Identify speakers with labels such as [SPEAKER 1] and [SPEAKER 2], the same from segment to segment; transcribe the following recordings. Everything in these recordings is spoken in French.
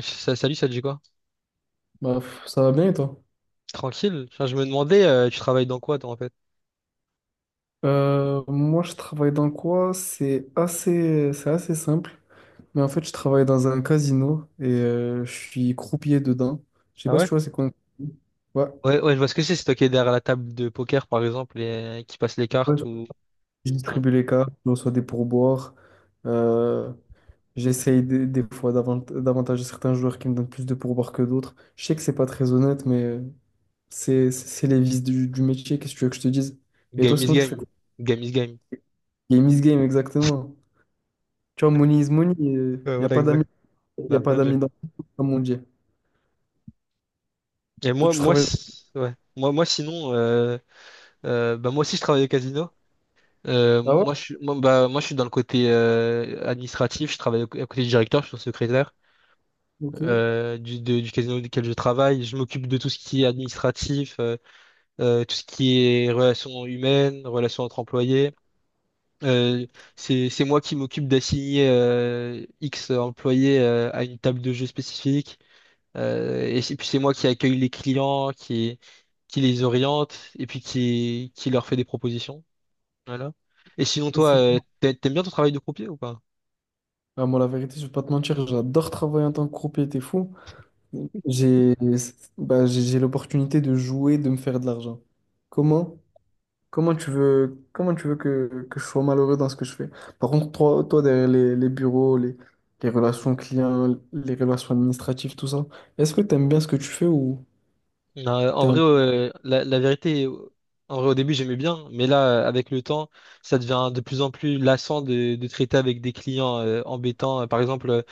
[SPEAKER 1] Salut, ça te dit quoi?
[SPEAKER 2] Bah, pff, ça va bien et toi?
[SPEAKER 1] Tranquille. Enfin, je me demandais, tu travailles dans quoi, toi, en fait?
[SPEAKER 2] Moi, je travaille dans quoi? C'est assez simple. Mais en fait, je travaille dans un casino et je suis croupier dedans. Je sais
[SPEAKER 1] Ah
[SPEAKER 2] pas si
[SPEAKER 1] ouais?
[SPEAKER 2] tu vois, c'est quoi, un croupier? Ouais.
[SPEAKER 1] Ouais, ouais, je vois ce que c'est. C'est toi qui es derrière la table de poker, par exemple, et qui passe les
[SPEAKER 2] Ouais,
[SPEAKER 1] cartes ou.
[SPEAKER 2] je
[SPEAKER 1] Ouais.
[SPEAKER 2] distribue les cartes, je reçois des pourboires. Euh, J'essaye des fois d'avantager certains joueurs qui me donnent plus de pourboires que d'autres. Je sais que c'est pas très honnête, mais c'est les vices du métier. Qu'est-ce que tu veux que je te dise? Et toi,
[SPEAKER 1] Game is
[SPEAKER 2] sinon, tu fais
[SPEAKER 1] game. Game is game.
[SPEAKER 2] game is game, exactement. Tu vois, money is money. Il
[SPEAKER 1] Ouais,
[SPEAKER 2] n'y a
[SPEAKER 1] voilà,
[SPEAKER 2] pas d'amis.
[SPEAKER 1] exact.
[SPEAKER 2] Il n'y a
[SPEAKER 1] Ah,
[SPEAKER 2] pas
[SPEAKER 1] bien joué.
[SPEAKER 2] d'amis dans le groupe, comme on dit.
[SPEAKER 1] Et
[SPEAKER 2] Toi,
[SPEAKER 1] moi,
[SPEAKER 2] tu
[SPEAKER 1] moi,
[SPEAKER 2] travailles.
[SPEAKER 1] ouais. Moi, moi, sinon, bah, moi aussi, je travaille au casino.
[SPEAKER 2] Ah ouais?
[SPEAKER 1] Moi, je suis, moi, bah, moi, je suis dans le côté administratif. Je travaille à côté du directeur, je suis son secrétaire
[SPEAKER 2] Ok.
[SPEAKER 1] du, du casino duquel je travaille. Je m'occupe de tout ce qui est administratif. Tout ce qui est relations humaines, relations entre employés. Euh, c'est moi qui m'occupe d'assigner X employés à une table de jeu spécifique. Et puis c'est moi qui accueille les clients, qui les oriente et puis qui leur fait des propositions. Voilà. Et sinon, toi,
[SPEAKER 2] C'est-
[SPEAKER 1] t'aimes bien ton travail de croupier ou pas?
[SPEAKER 2] Ah, moi, la vérité, je vais pas te mentir, j'adore travailler en tant que croupier, t'es fou. J'ai bah, j'ai l'opportunité de jouer, de me faire de l'argent. Comment? Comment tu veux que je sois malheureux dans ce que je fais? Par contre, toi derrière les bureaux, les relations clients, les relations administratives, tout ça, est-ce que tu aimes bien ce que tu fais.
[SPEAKER 1] Non, en
[SPEAKER 2] T'es
[SPEAKER 1] vrai,
[SPEAKER 2] un-
[SPEAKER 1] la, la vérité, en vrai, au début, j'aimais bien, mais là, avec le temps, ça devient de plus en plus lassant de traiter avec des clients embêtants. Par exemple,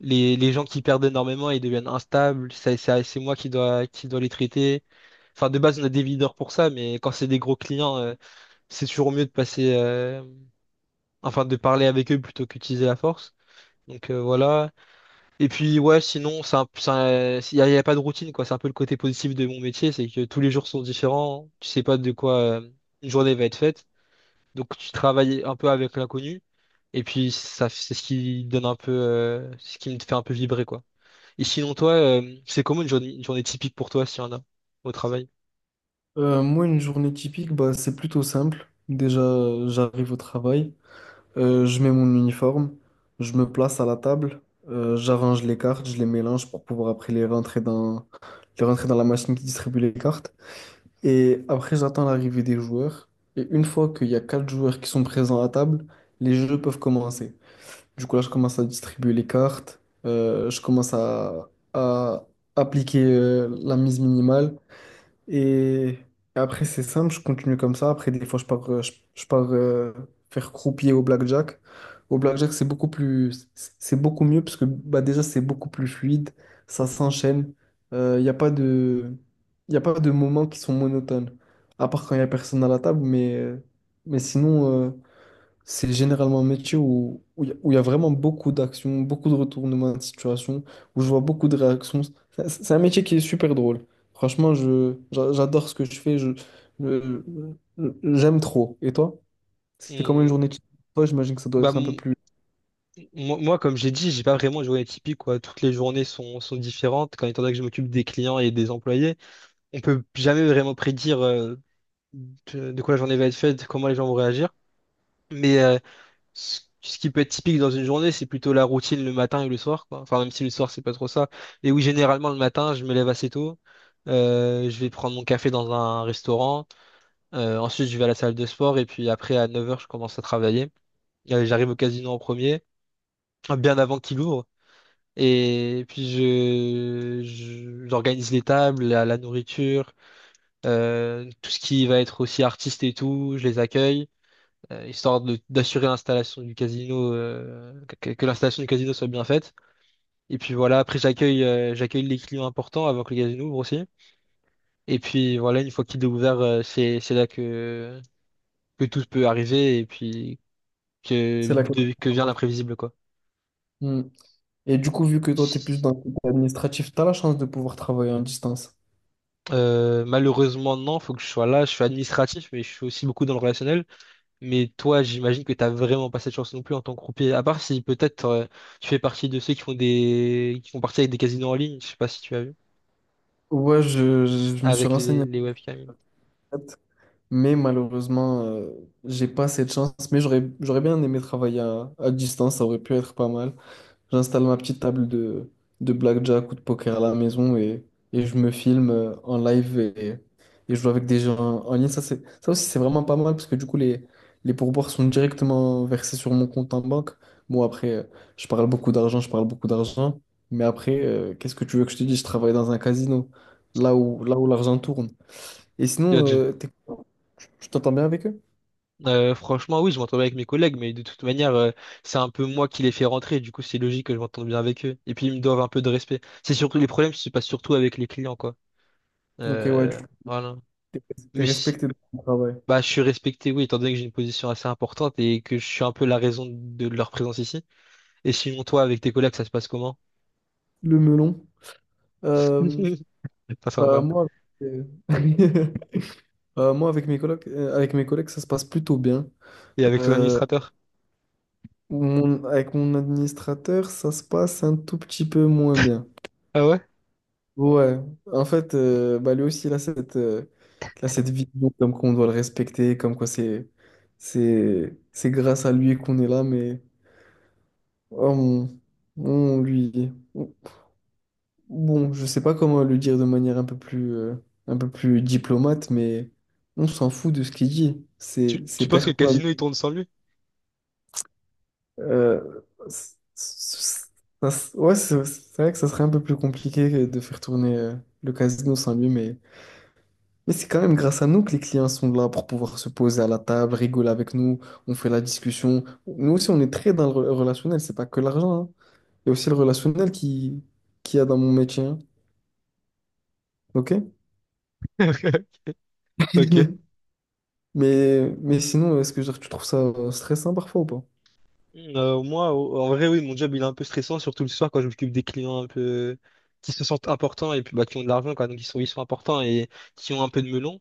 [SPEAKER 1] les gens qui perdent énormément, ils deviennent instables. C'est moi qui dois les traiter. Enfin, de base, on a des leaders pour ça, mais quand c'est des gros clients, c'est toujours mieux de passer, enfin, de parler avec eux plutôt qu'utiliser la force. Donc voilà. Et puis ouais, sinon, il n'y a, il y a pas de routine, quoi. C'est un peu le côté positif de mon métier, c'est que tous les jours sont différents. Tu sais pas de quoi une journée va être faite. Donc tu travailles un peu avec l'inconnu. Et puis ça, c'est ce qui donne un peu, ce qui me fait un peu vibrer, quoi. Et sinon, toi, c'est comment une journée typique pour toi, s'il y en a, au travail?
[SPEAKER 2] Moi, une journée typique, bah, c'est plutôt simple. Déjà, j'arrive au travail. Je mets mon uniforme, je me place à la table, j'arrange les cartes, je les mélange pour pouvoir après les rentrer dans la machine qui distribue les cartes. Et après, j'attends l'arrivée des joueurs. Et une fois qu'il y a quatre joueurs qui sont présents à table, les jeux peuvent commencer. Du coup, là, je commence à distribuer les cartes, je commence à appliquer, la mise minimale. Et après, c'est simple, je continue comme ça. Après, des fois, je pars faire croupier au blackjack. Au blackjack, c'est beaucoup mieux parce que bah, déjà, c'est beaucoup plus fluide, ça s'enchaîne. Il n'y a pas de, y a pas de moments qui sont monotones, à part quand il n'y a personne à la table. Mais sinon, c'est généralement un métier où où il y, a où il y a vraiment beaucoup d'actions, beaucoup de retournements de situation, où je vois beaucoup de réactions. C'est un métier qui est super drôle. Franchement, j'adore ce que je fais, je- j'aime trop. Et toi? C'est comment une
[SPEAKER 1] Hum,
[SPEAKER 2] journée de chez toi, j'imagine que ça doit
[SPEAKER 1] Bah,
[SPEAKER 2] être un peu
[SPEAKER 1] m-
[SPEAKER 2] plus.
[SPEAKER 1] moi, moi, comme j'ai dit, j'ai pas vraiment une journée typique, quoi. Toutes les journées sont, sont différentes, quand étant donné que je m'occupe des clients et des employés on peut jamais vraiment prédire de quoi la journée va être faite, comment les gens vont réagir. Mais ce, ce qui peut être typique dans une journée, c'est plutôt la routine le matin et le soir, quoi. Enfin, même si le soir, c'est pas trop ça. Et oui, généralement, le matin, je me lève assez tôt. Je vais prendre mon café dans un restaurant. Ensuite, je vais à la salle de sport. Et puis après, à 9 heures, je commence à travailler. J'arrive au casino en premier, bien avant qu'il ouvre. Et puis, je, j'organise les tables, la nourriture, tout ce qui va être aussi artiste et tout, je les accueille. Histoire d'assurer l'installation du casino, que l'installation du casino soit bien faite. Et puis voilà, après j'accueille j'accueille les clients importants avant que le casino ouvre aussi. Et puis voilà, une fois qu'il est ouvert, c'est là que tout peut arriver et puis que
[SPEAKER 2] C'est la classe.
[SPEAKER 1] que vient l'imprévisible quoi.
[SPEAKER 2] Hmm. Et du coup, vu que toi, tu es plus dans le côté administratif, tu as la chance de pouvoir travailler en distance.
[SPEAKER 1] Malheureusement non, faut que je sois là. Je suis administratif, mais je suis aussi beaucoup dans le relationnel. Mais toi, j'imagine que t'as vraiment pas cette chance non plus en tant que croupier. À part si peut-être tu fais partie de ceux qui font des qui font partie avec des casinos en ligne. Je sais pas si tu as vu.
[SPEAKER 2] Ouais, je me suis
[SPEAKER 1] Avec
[SPEAKER 2] renseigné.
[SPEAKER 1] les webcams.
[SPEAKER 2] Mais malheureusement, j'ai pas cette chance. Mais j'aurais bien aimé travailler à distance, ça aurait pu être pas mal. J'installe ma petite table de blackjack ou de poker à la maison et je me filme en live et je joue avec des gens en ligne. Ça aussi, c'est vraiment pas mal parce que du coup, les pourboires sont directement versés sur mon compte en banque. Bon, après, je parle beaucoup d'argent, je parle beaucoup d'argent. Mais après, qu'est-ce que tu veux que je te dise? Je travaille dans un casino, là où l'argent tourne. Et sinon,
[SPEAKER 1] Dodge.
[SPEAKER 2] tu t'entends bien avec eux?
[SPEAKER 1] Franchement, oui, je m'entends bien avec mes collègues, mais de toute manière, c'est un peu moi qui les fais rentrer, du coup, c'est logique que je m'entende bien avec eux. Et puis, ils me doivent un peu de respect. C'est surtout les problèmes se passent surtout avec les clients, quoi.
[SPEAKER 2] Ok, ouais, tu
[SPEAKER 1] Euh, voilà. Mais
[SPEAKER 2] es
[SPEAKER 1] si-
[SPEAKER 2] respecté dans ton travail.
[SPEAKER 1] bah, je suis respecté, oui, étant donné que j'ai une position assez importante et que je suis un peu la raison de leur présence ici. Et sinon, toi, avec tes collègues, ça se passe comment?
[SPEAKER 2] Le melon. Euh,
[SPEAKER 1] Pas
[SPEAKER 2] Bah,
[SPEAKER 1] sympa.
[SPEAKER 2] moi, euh, bah, moi avec mes collègues, ça se passe plutôt bien.
[SPEAKER 1] Et avec ton
[SPEAKER 2] Euh,
[SPEAKER 1] administrateur?
[SPEAKER 2] Avec mon administrateur, ça se passe un tout petit peu moins bien.
[SPEAKER 1] Ah ouais?
[SPEAKER 2] Ouais, en fait, bah, lui aussi, il a cette vision comme qu'on doit le respecter, comme quoi c'est grâce à lui qu'on est là, mais oh, on lui. Bon, je sais pas comment le dire de manière un peu plus diplomate, mais on s'en fout de ce qu'il dit.
[SPEAKER 1] Tu,
[SPEAKER 2] C'est,
[SPEAKER 1] tu
[SPEAKER 2] c'est
[SPEAKER 1] penses que le
[SPEAKER 2] personne.
[SPEAKER 1] casino, il tourne sans lui?
[SPEAKER 2] Euh, c- c- ouais, c'est vrai que ça serait un peu plus compliqué de faire tourner le casino sans lui, mais c'est quand même grâce à nous que les clients sont là pour pouvoir se poser à la table, rigoler avec nous, on fait la discussion. Nous aussi, on est très dans le relationnel, c'est pas que l'argent, hein. Il y a aussi le relationnel qui y a dans mon métier, hein. Ok?
[SPEAKER 1] Ok.
[SPEAKER 2] Mais sinon, est-ce que genre, tu trouves ça stressant parfois ou pas?
[SPEAKER 1] Moi, en vrai, oui, mon job, il est un peu stressant, surtout le soir quand je m'occupe des clients un peu qui se sentent importants et puis bah, qui ont de l'argent, quoi. Donc, ils sont importants et qui ont un peu de melon.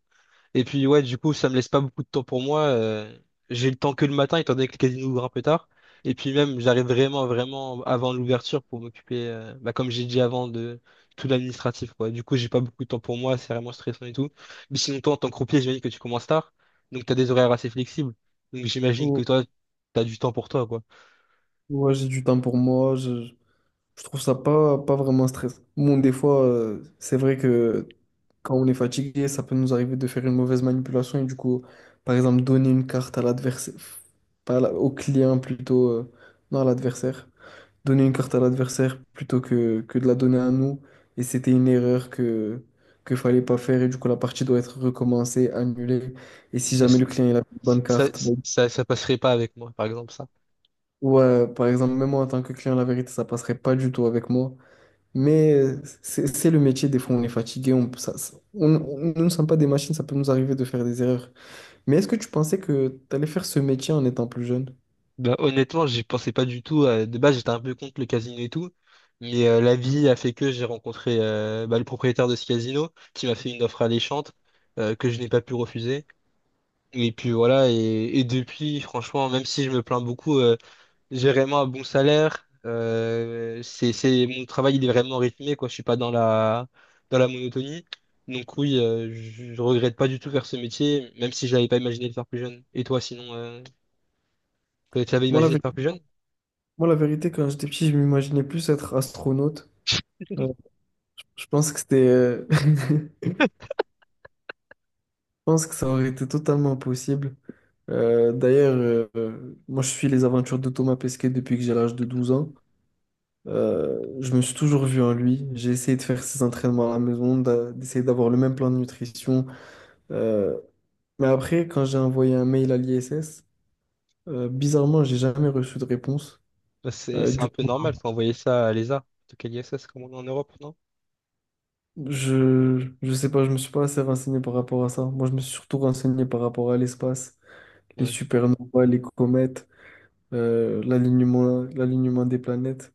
[SPEAKER 1] Et puis, ouais, du coup, ça me laisse pas beaucoup de temps pour moi. J'ai le temps que le matin, étant donné que le casino ouvre un peu tard. Et puis, même, j'arrive vraiment, vraiment avant l'ouverture pour m'occuper, bah, comme j'ai dit avant, de tout l'administratif, quoi. Du coup, j'ai pas beaucoup de temps pour moi, c'est vraiment stressant et tout. Mais sinon, toi, en tant que croupier, j'imagine que tu commences tard. Donc, t'as des horaires assez flexibles. Donc, j'imagine que
[SPEAKER 2] Ou-
[SPEAKER 1] toi, t'as du temps pour toi, quoi.
[SPEAKER 2] Ouais, j'ai du temps pour moi, je trouve ça pas vraiment stressant. Bon, des fois, c'est vrai que quand on est fatigué, ça peut nous arriver de faire une mauvaise manipulation et du coup, par exemple, donner une carte à l'adversaire, pas à la- au client plutôt, non, à l'adversaire. Donner une carte à l'adversaire plutôt que de la donner à nous. Et c'était une erreur que fallait pas faire. Et du coup, la partie doit être recommencée, annulée. Et si
[SPEAKER 1] Ouais,
[SPEAKER 2] jamais le client il a une bonne carte, bon,
[SPEAKER 1] Ça, ça passerait pas avec moi, par exemple, ça.
[SPEAKER 2] ouais, par exemple, même moi en tant que client, la vérité, ça passerait pas du tout avec moi. Mais c'est le métier, des fois on est fatigué, on, ça- on- nous ne sommes pas des machines, ça peut nous arriver de faire des erreurs. Mais est-ce que tu pensais que tu allais faire ce métier en étant plus jeune?
[SPEAKER 1] Bah, honnêtement, j'y pensais pas du tout. De base, j'étais un peu contre le casino et tout. Mais la vie a fait que j'ai rencontré bah, le propriétaire de ce casino qui m'a fait une offre alléchante que je n'ai pas pu refuser. Et puis voilà, et depuis, franchement, même si je me plains beaucoup, j'ai vraiment un bon salaire. Mon travail, il est vraiment rythmé, quoi. Je suis pas dans la, dans la monotonie. Donc oui, je regrette pas du tout faire ce métier, même si je n'avais pas imaginé de faire plus jeune. Et toi, sinon, tu avais
[SPEAKER 2] Moi, la,
[SPEAKER 1] imaginé de
[SPEAKER 2] vé-
[SPEAKER 1] faire plus jeune?
[SPEAKER 2] Moi, la vérité, quand j'étais petit, je m'imaginais plus être astronaute. Euh, Je pense que je pense que ça aurait été totalement possible. D'ailleurs, moi je suis les aventures de Thomas Pesquet depuis que j'ai l'âge de 12 ans. Je me suis toujours vu en lui. J'ai essayé de faire ses entraînements à la maison, d'essayer d'avoir le même plan de nutrition. Euh, mais après, quand j'ai envoyé un mail à l'ISS, bizarrement, j'ai jamais reçu de réponse.
[SPEAKER 1] Bah, C'est, c'est
[SPEAKER 2] Du
[SPEAKER 1] un peu
[SPEAKER 2] coup,
[SPEAKER 1] normal, faut envoyer ça à l'ESA. En tout cas, l'ISS, comme on est en Europe, non?
[SPEAKER 2] je sais pas, je me suis pas assez renseigné par rapport à ça. Moi, je me suis surtout renseigné par rapport à l'espace, les
[SPEAKER 1] Ouais.
[SPEAKER 2] supernovas, les comètes. L'alignement des planètes,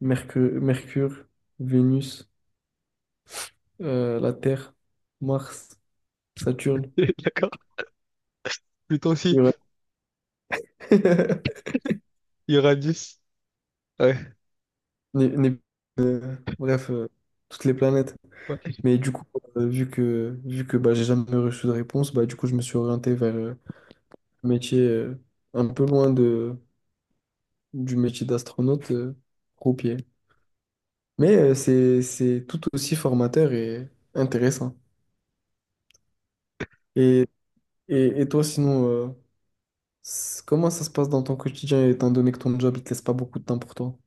[SPEAKER 2] Mercure, Vénus, la Terre, Mars, Saturne,
[SPEAKER 1] D'accord. Pluton aussi,
[SPEAKER 2] Uranus.
[SPEAKER 1] il y aura 10. Ouais.
[SPEAKER 2] Né- né- Bref, toutes les planètes.
[SPEAKER 1] Ouais.
[SPEAKER 2] Mais du coup, vu que bah, j'ai jamais reçu de réponse, bah, du coup, je me suis orienté vers un métier un peu loin du métier d'astronaute, croupier. Mais c'est tout aussi formateur et intéressant. Et, et toi, sinon, comment ça se passe dans ton quotidien étant donné que ton job il te laisse pas beaucoup de temps pour toi?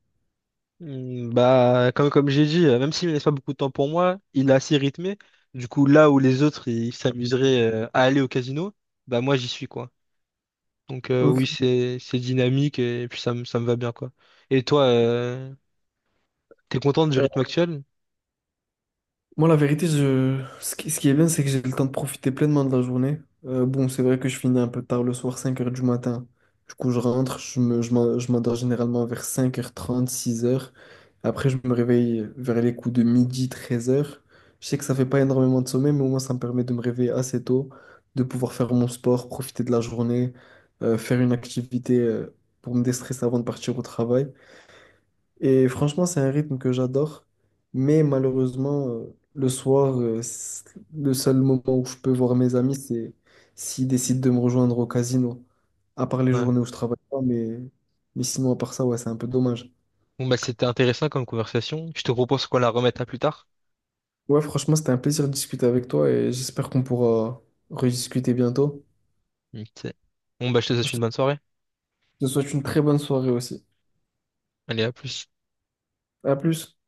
[SPEAKER 1] Bah, comme, comme j'ai dit, même s'il ne laisse pas beaucoup de temps pour moi, il est assez rythmé. Du coup, là où les autres ils s'amuseraient à aller au casino, bah moi j'y suis quoi. Donc
[SPEAKER 2] Ok.
[SPEAKER 1] oui, c'est dynamique et puis ça me va bien quoi. Et toi, t'es contente du rythme actuel?
[SPEAKER 2] Moi, la vérité, ce qui est bien, c'est que j'ai le temps de profiter pleinement de la journée. Bon, c'est vrai que je finis un peu tard le soir, 5 heures du matin. Du coup, je rentre, je m'endors généralement vers 5h30, 6 heures. Après, je me réveille vers les coups de midi, 13 heures. Je sais que ça fait pas énormément de sommeil, mais au moins, ça me permet de me réveiller assez tôt, de pouvoir faire mon sport, profiter de la journée, faire une activité, pour me déstresser avant de partir au travail. Et franchement, c'est un rythme que j'adore. Mais malheureusement, le soir, le seul moment où je peux voir mes amis, c'est s'ils décident de me rejoindre au casino. À part les
[SPEAKER 1] Ouais.
[SPEAKER 2] journées où je travaille pas, mais sinon, à part ça, ouais, c'est un peu dommage.
[SPEAKER 1] Bon bah c'était intéressant comme conversation. Je te propose qu'on la remette à plus tard.
[SPEAKER 2] Ouais, franchement, c'était un plaisir de discuter avec toi et j'espère qu'on pourra rediscuter bientôt.
[SPEAKER 1] Ok. Bon bah je te
[SPEAKER 2] Je
[SPEAKER 1] souhaite une
[SPEAKER 2] te
[SPEAKER 1] bonne soirée.
[SPEAKER 2] je te souhaite une très bonne soirée aussi.
[SPEAKER 1] Allez, à plus.
[SPEAKER 2] À plus.